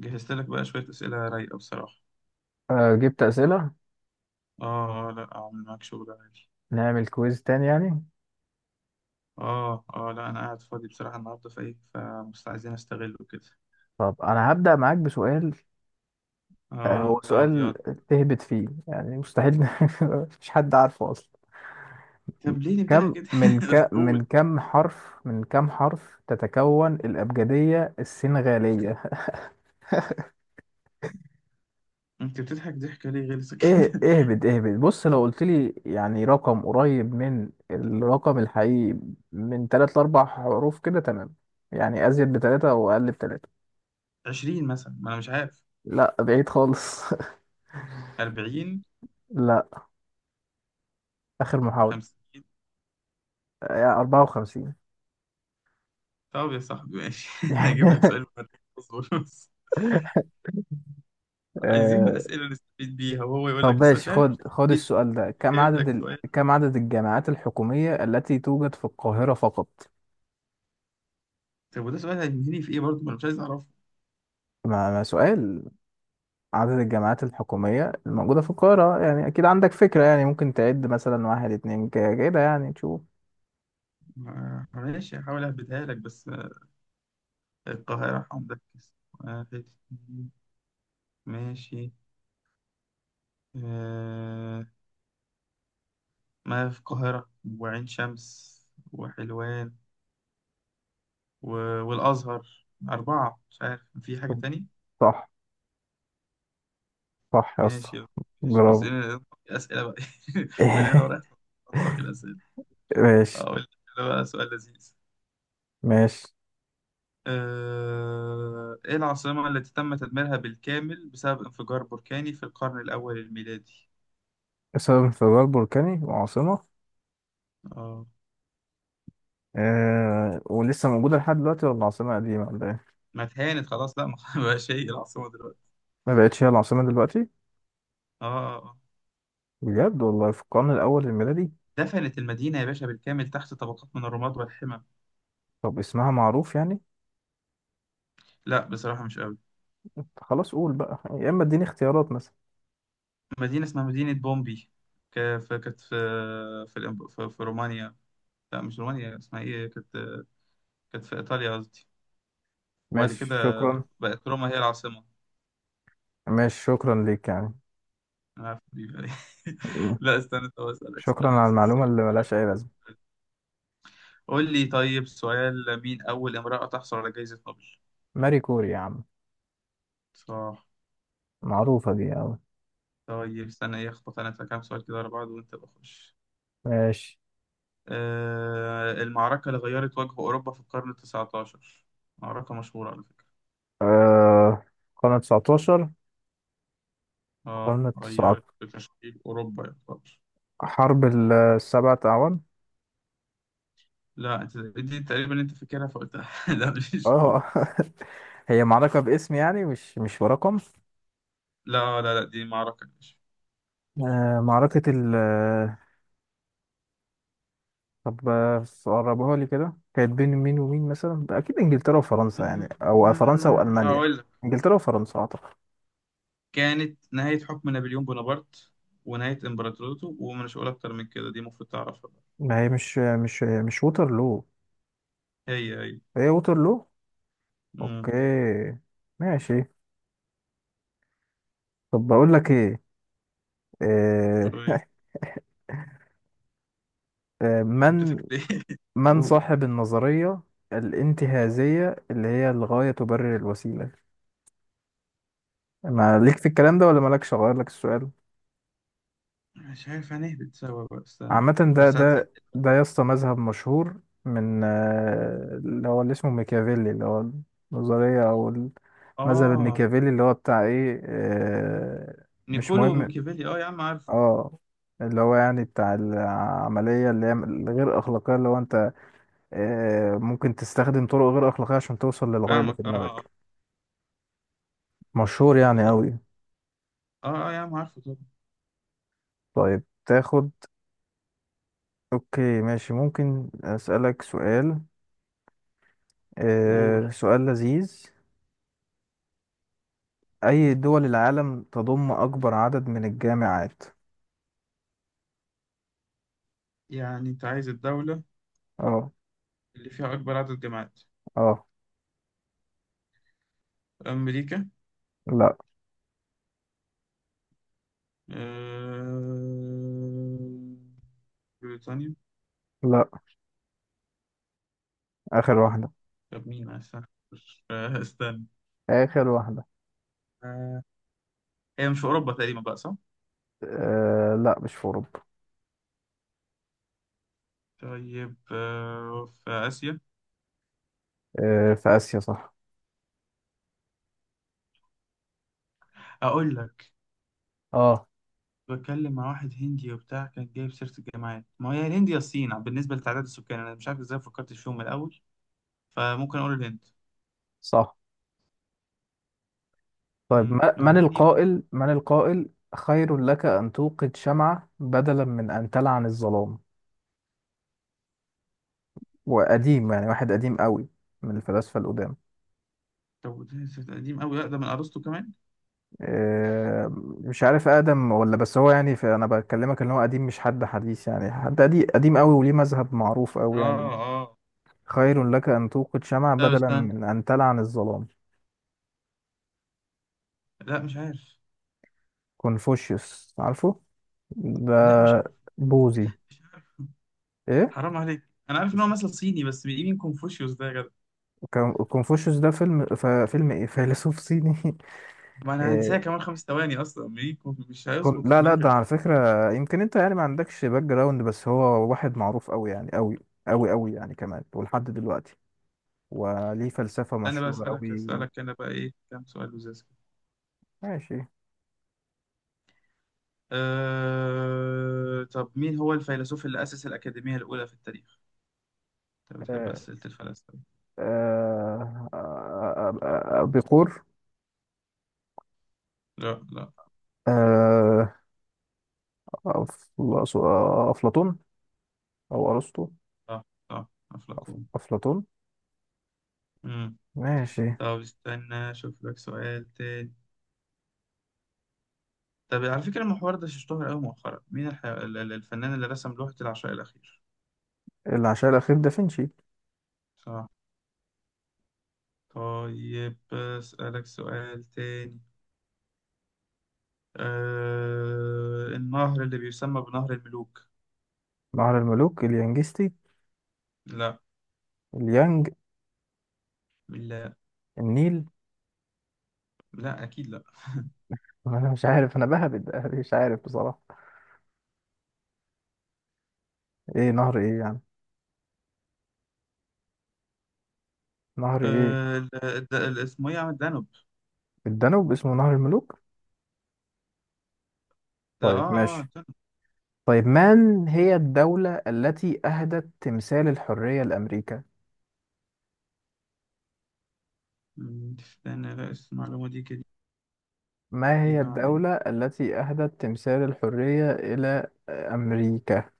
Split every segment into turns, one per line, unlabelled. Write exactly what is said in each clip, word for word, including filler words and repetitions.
جهزت لك بقى شوية أسئلة رايقة بصراحة.
آه، جبت أسئلة.
آه آه، لا أعمل معاك شغل عادي.
نعمل كويز تاني يعني.
آه آه لا أنا قاعد فاضي بصراحة النهاردة فإيه فمست عايزين أستغله كده.
طب، أنا هبدأ معاك بسؤال. آه، هو
آه طب
سؤال
يلا.
تهبط فيه يعني، مستحيل مفيش حد عارفه أصلا.
طب ليه نبدأها
كم
كده؟
من ك...
قول.
من كم حرف من كم حرف تتكون الأبجدية السنغالية؟
أنت بتضحك ضحكة ليه غلسة
إيه،
كده؟
اهبد اهبد. بص، لو قلت لي يعني رقم قريب من الرقم الحقيقي، من تلات لأربع حروف كده تمام. يعني أزيد بتلاتة أو أقل بتلاتة.
عشرين مثلا، ما أنا مش عارف.
لا، بعيد خالص
أربعين.
لا. آخر محاولة.
خمسين.
يا أربعة وخمسين؟
طب يا صاحبي ماشي، أنا هجيب لك سؤال مفرق. اصبر بس. عايزين
آه،
أسئلة نستفيد بيها، وهو يقول
طب
لك السؤال
ماشي.
ده أنا
خد
مش
خد
هستفيد بيه.
السؤال ده. كم
جايب
عدد
لك
ال...
سؤال.
كم عدد الجامعات الحكومية التي توجد في القاهرة فقط؟
طب وده سؤال هينهيني في إيه برضه؟ ما أنا مش عايز أعرفه.
ما ما سؤال. عدد الجامعات الحكومية الموجودة في القاهرة، يعني أكيد عندك فكرة، يعني ممكن تعد مثلا واحد، اتنين، ك- كده، يعني تشوف.
ما- ماشي، هحاول أهبدها لك بس. آه، القاهرة هنركز. واحد، اتنين، ماشي، آه. ما في القاهرة، وعين شمس، وحلوان، و... والأزهر. أربعة، مش عارف في حاجة تاني.
صح. صح يا اسطى.
ماشي. ماشي بس
برافو
أنا أسئلة بقى، من هنا ورايح أنتقي الأسئلة.
ماشي،
أقول لك، ده بقى سؤال لذيذ.
ماشي.
آه... إيه العاصمة التي تم تدميرها بالكامل بسبب انفجار بركاني في القرن الأول الميلادي؟
بسبب انفجار بركاني، وعاصمة؟
آه
آه، ولسه موجودة لحد دلوقتي، ولا عاصمة قديمة، ولا إيه؟
ما اتهانت خلاص، لا ما بقاش هي العاصمة دلوقتي.
ما بقتش هي العاصمة دلوقتي؟
اه، آه، آه.
بجد والله، في القرن الأول الميلادي؟
دفنت المدينة يا باشا بالكامل تحت طبقات من الرماد والحمم.
طب، اسمها معروف يعني.
لا بصراحة مش قوي.
خلاص، قول بقى، يا إما اديني اختيارات مثلا.
مدينة اسمها مدينة بومبي. ك- ف- كانت في في, الإم- في في رومانيا. لا مش رومانيا، اسمها ايه كانت؟ كانت في إيطاليا قصدي. وبعد
ماشي،
كده
شكرا.
بقت روما هي العاصمة.
ماشي، شكرا ليك يعني.
أنا عارف دي. لا استنى، طب أسألك
شكرا
سؤال
على
لذيذ.
المعلومة
سيبك-
اللي
سيبك.
ملهاش أي لازمة.
قول لي طيب سؤال، مين أول امرأة تحصل على جائزة نوبل؟
ماري كوري يا عم.
صح.
معروفة دي أوي.
طيب استنى، ايه اخبط انا في كام سؤال كده ورا بعض وانت بخش.
ماشي.
آه، المعركة اللي غيرت وجه أوروبا في القرن التسعتاشر، معركة مشهورة على فكرة.
آه قرن تسعتاشر. قرن
اه، غيرت
تسعتاشر.
في تشكيل أوروبا يعتبر.
حرب ال- السبعة أعوام.
لا انت دي تقريبا انت فاكرها فقلتها، لا مش دي.
اه هي معركة باسم يعني، مش مش برقم.
لا لا لا، دي معركة مش...
آه معركة ال. طب، آه، قربها لي كده. كانت بين مين ومين مثلا؟ ده اكيد انجلترا وفرنسا يعني، او آه، فرنسا
أمم،
والمانيا.
أقول لك،
انجلترا وفرنسا اعتقد.
كانت نهاية حكم نابليون بونابرت ونهاية إمبراطوريته، ومش هقول أكتر من كده، دي المفروض تعرفها بقى.
ما هي مش، آه، مش آه، مش ووترلو؟
هي هي.
هي ووترلو. اوكي،
مم.
ماشي. طب، بقول لك ايه. آه،
أوي.
آه،
انت
من
بتضحك ليه؟
من صاحب النظرية الانتهازية اللي هي الغاية تبرر الوسيلة؟ ما ليك في الكلام ده، ولا مالكش، اغير لك السؤال؟
مش عارف هنهبط سوا بقى، استنى.
عامة، ده
بس هتسهل.
ده ده يا اسطى مذهب مشهور، من آه، اللي هو، اللي اسمه ميكافيلي، اللي هو النظرية أو المذهب
اه.
الميكافيلي، اللي هو بتاع إيه، آه، مش
نيكولو
مهم.
وميكافيلي، اه يا عم عارفه.
اه. اللي هو يعني بتاع العملية اللي هي الغير أخلاقية، اللي هو أنت آه، ممكن تستخدم طرق غير أخلاقية عشان توصل للغاية اللي
فاهمك،
في
اه اه آه.
دماغك. مشهور يعني
لا.
أوي.
اه اه يا عم عارفه طبعا.
طيب، تاخد. أوكي، ماشي. ممكن أسألك سؤال؟
قول.
آه، سؤال لذيذ. أي دول العالم تضم أكبر عدد من الجامعات؟
يعني انت عايز الدولة
اه.
اللي فيها أكبر عدد جامعات.
اه.
أمريكا.
لا.
آه... بريطانيا.
لا. آخر واحدة.
طب مين؟ استنى. آه، استنى.
آخر واحدة.
آه... هي مش في أوروبا تقريبا بقى، صح؟
آه، لا، مش في أوروبا.
طيب، آه... في آسيا.
آه، في آسيا، صح.
أقول لك،
اه،
بتكلم مع واحد هندي وبتاع كان جايب سيرة الجامعات، ما هي الهند يا الصين بالنسبة لتعداد السكان، أنا مش عارف إزاي فكرتش فيهم من الأول. فممكن أقول الهند.
صح. طيب،
امم،
ما-
يعني
من
غريب.
القائل من القائل خير لك أن توقد شمعة بدلا من أن تلعن الظلام؟ وقديم يعني، واحد قديم قوي، من الفلاسفة القدام.
طب ده سيرة قديم أوي، أقدم من أرسطو كمان.
آه مش عارف آدم ولا، بس هو يعني في، أنا بكلمك إن هو قديم، مش حد حديث يعني، حد قديم قديم قوي، وليه مذهب معروف قوي يعني.
اه اه.
خير لك أن توقد شمع
لا
بدلا
استنى،
من أن تلعن الظلام.
لا مش عارف.
كونفوشيوس، عارفه؟ ده
لا مش عارف.
بوذي.
مش عارف.
إيه؟
حرام عليك. أنا عارف إن هو
مش،
مثل صيني، بس من مين كونفوشيوس ده يا جدع؟
كون- كونفوشيوس ده فيلم، ف- فيلم، إيه، فيلسوف صيني
ما أنا هنساه
إيه،
كمان خمس ثواني أصلا، مين كونف- مش
كون-
هيظبط في
لا، لا.
دماغي
ده على
أصلا.
فكرة، يمكن أنت يعني ما عندكش باك جراوند، بس هو واحد معروف أوي يعني، أوي، أوي أوي، يعني كمان ولحد دلوقتي، وليه فلسفة
أنا بقى
مشهورة
أسألك،
أوي.
أسألك أنا بقى إيه كام سؤال لزاز.
ماشي.
أه... طب مين هو الفيلسوف اللي أسس الأكاديمية الأولى في التاريخ؟ أنت بتحب
آه
أسئلة الفلاسفة.
آه آه آه آه آه بيقول
لا لا.
آه أف- أفلاطون أو أرسطو.
صح. صح
أف-
أفلاطون.
أفلاطون.
مم.
ماشي.
طب استنى أشوف لك سؤال تاني. طب على فكرة المحور ده اشتهر أوي مؤخرا. مين الح... ال- ال- الفنان اللي رسم لوحة العشاء الأخير؟
العشاء الأخير، دافنشي.
صح. طيب أسألك سؤال تاني. أه... النهر اللي بيسمى بنهر الملوك.
بحر الملوك، اليانجستي.
لا.
اليانج.
لا.
النيل
لا أكيد لا.
أنا مش عارف، أنا بهبد مش عارف بصراحة. إيه نهر، إيه يعني، نهر إيه؟
أه... ال- ال- ال- اسمه إيه يا عم، الدانوب؟
الدانوب اسمه نهر الملوك؟
اه
طيب،
اه
ماشي.
آه.
طيب، من هي الدولة التي أهدت تمثال الحرية لأمريكا؟
مم، استنى، لا بس المعلومة دي
ما هي
جديدة عليا.
الدولة التي أهدت تمثال الحرية إلى أمريكا؟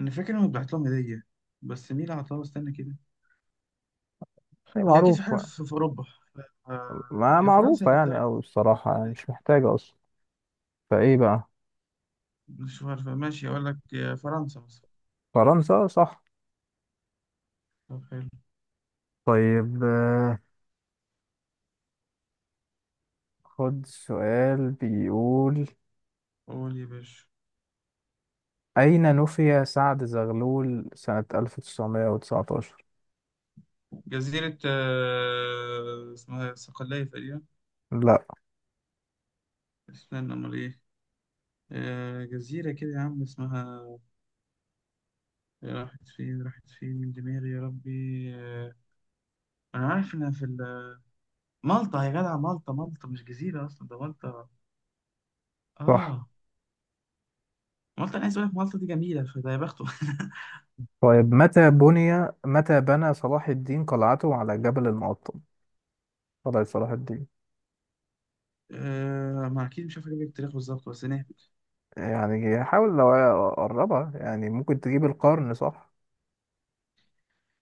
أنا فاكر إنه بعت لهم هدية، بس مين اللي عطاها؟ استنى كده.
دي
هي أكيد في حاجة
معروفة.
في في أوروبا. آه،
ما
يا فرنسا يا
معروفة يعني،
إنجلترا.
أو الصراحة يعني مش محتاجة أصلا. فإيه بقى؟
مش عارفة، ماشي أقول لك يا فرنسا مثلا.
فرنسا، صح.
طب حلو.
طيب، آه، خد سؤال بيقول:
قول يا باشا.
أين نفي سعد زغلول سنة ألف تسعمية وتسعة عشر؟
جزيرة آه، اسمها صقلية تقريبا.
لا.
استنى أمال إيه. آه، جزيرة كده يا عم اسمها... راحت فين، راحت فين من دماغي يا ربي؟ آه، أنا عارف إنها في ال- مالطا يا جدع، مالطا، مالطا، مش جزيرة أصلا ده مالطا.
صح.
اه. مالطا انا عايز اقول لك مالطا دي جميله، فده يا بخته.
طيب، متى بني، متى بنى صلاح الدين قلعته على جبل المقطم، قلعة صلاح الدين؟
آه ما اكيد مش عارف اجيب لك التاريخ بالظبط، بس نهبط.
يعني حاول، لو أقربها يعني، ممكن تجيب القرن صح؟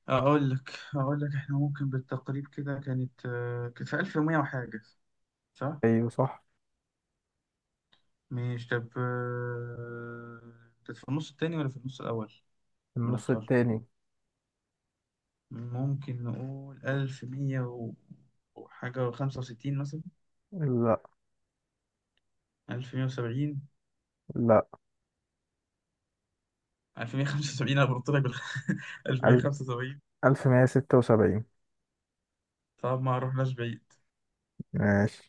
اقول لك، اقول لك احنا ممكن بالتقريب كده، كانت آه كانت في ألف ومية وحاجه. صح.
أيوه، صح.
مش طب آه، كانت في النص التاني ولا في النص الاول من
النص
القرن؟
التاني.
ممكن نقول ألف ومية و- وحاجه، وخمسة وستين مثلا.
لا.
ألف مية وسبعين.
لا.
ألف مية وخمسة وسبعين انا بنط لك بال...
ألف،
ألف مية وخمسة وسبعين.
ألف مية ستة وسبعين.
طب ما رحناش بعيد.
ماشي.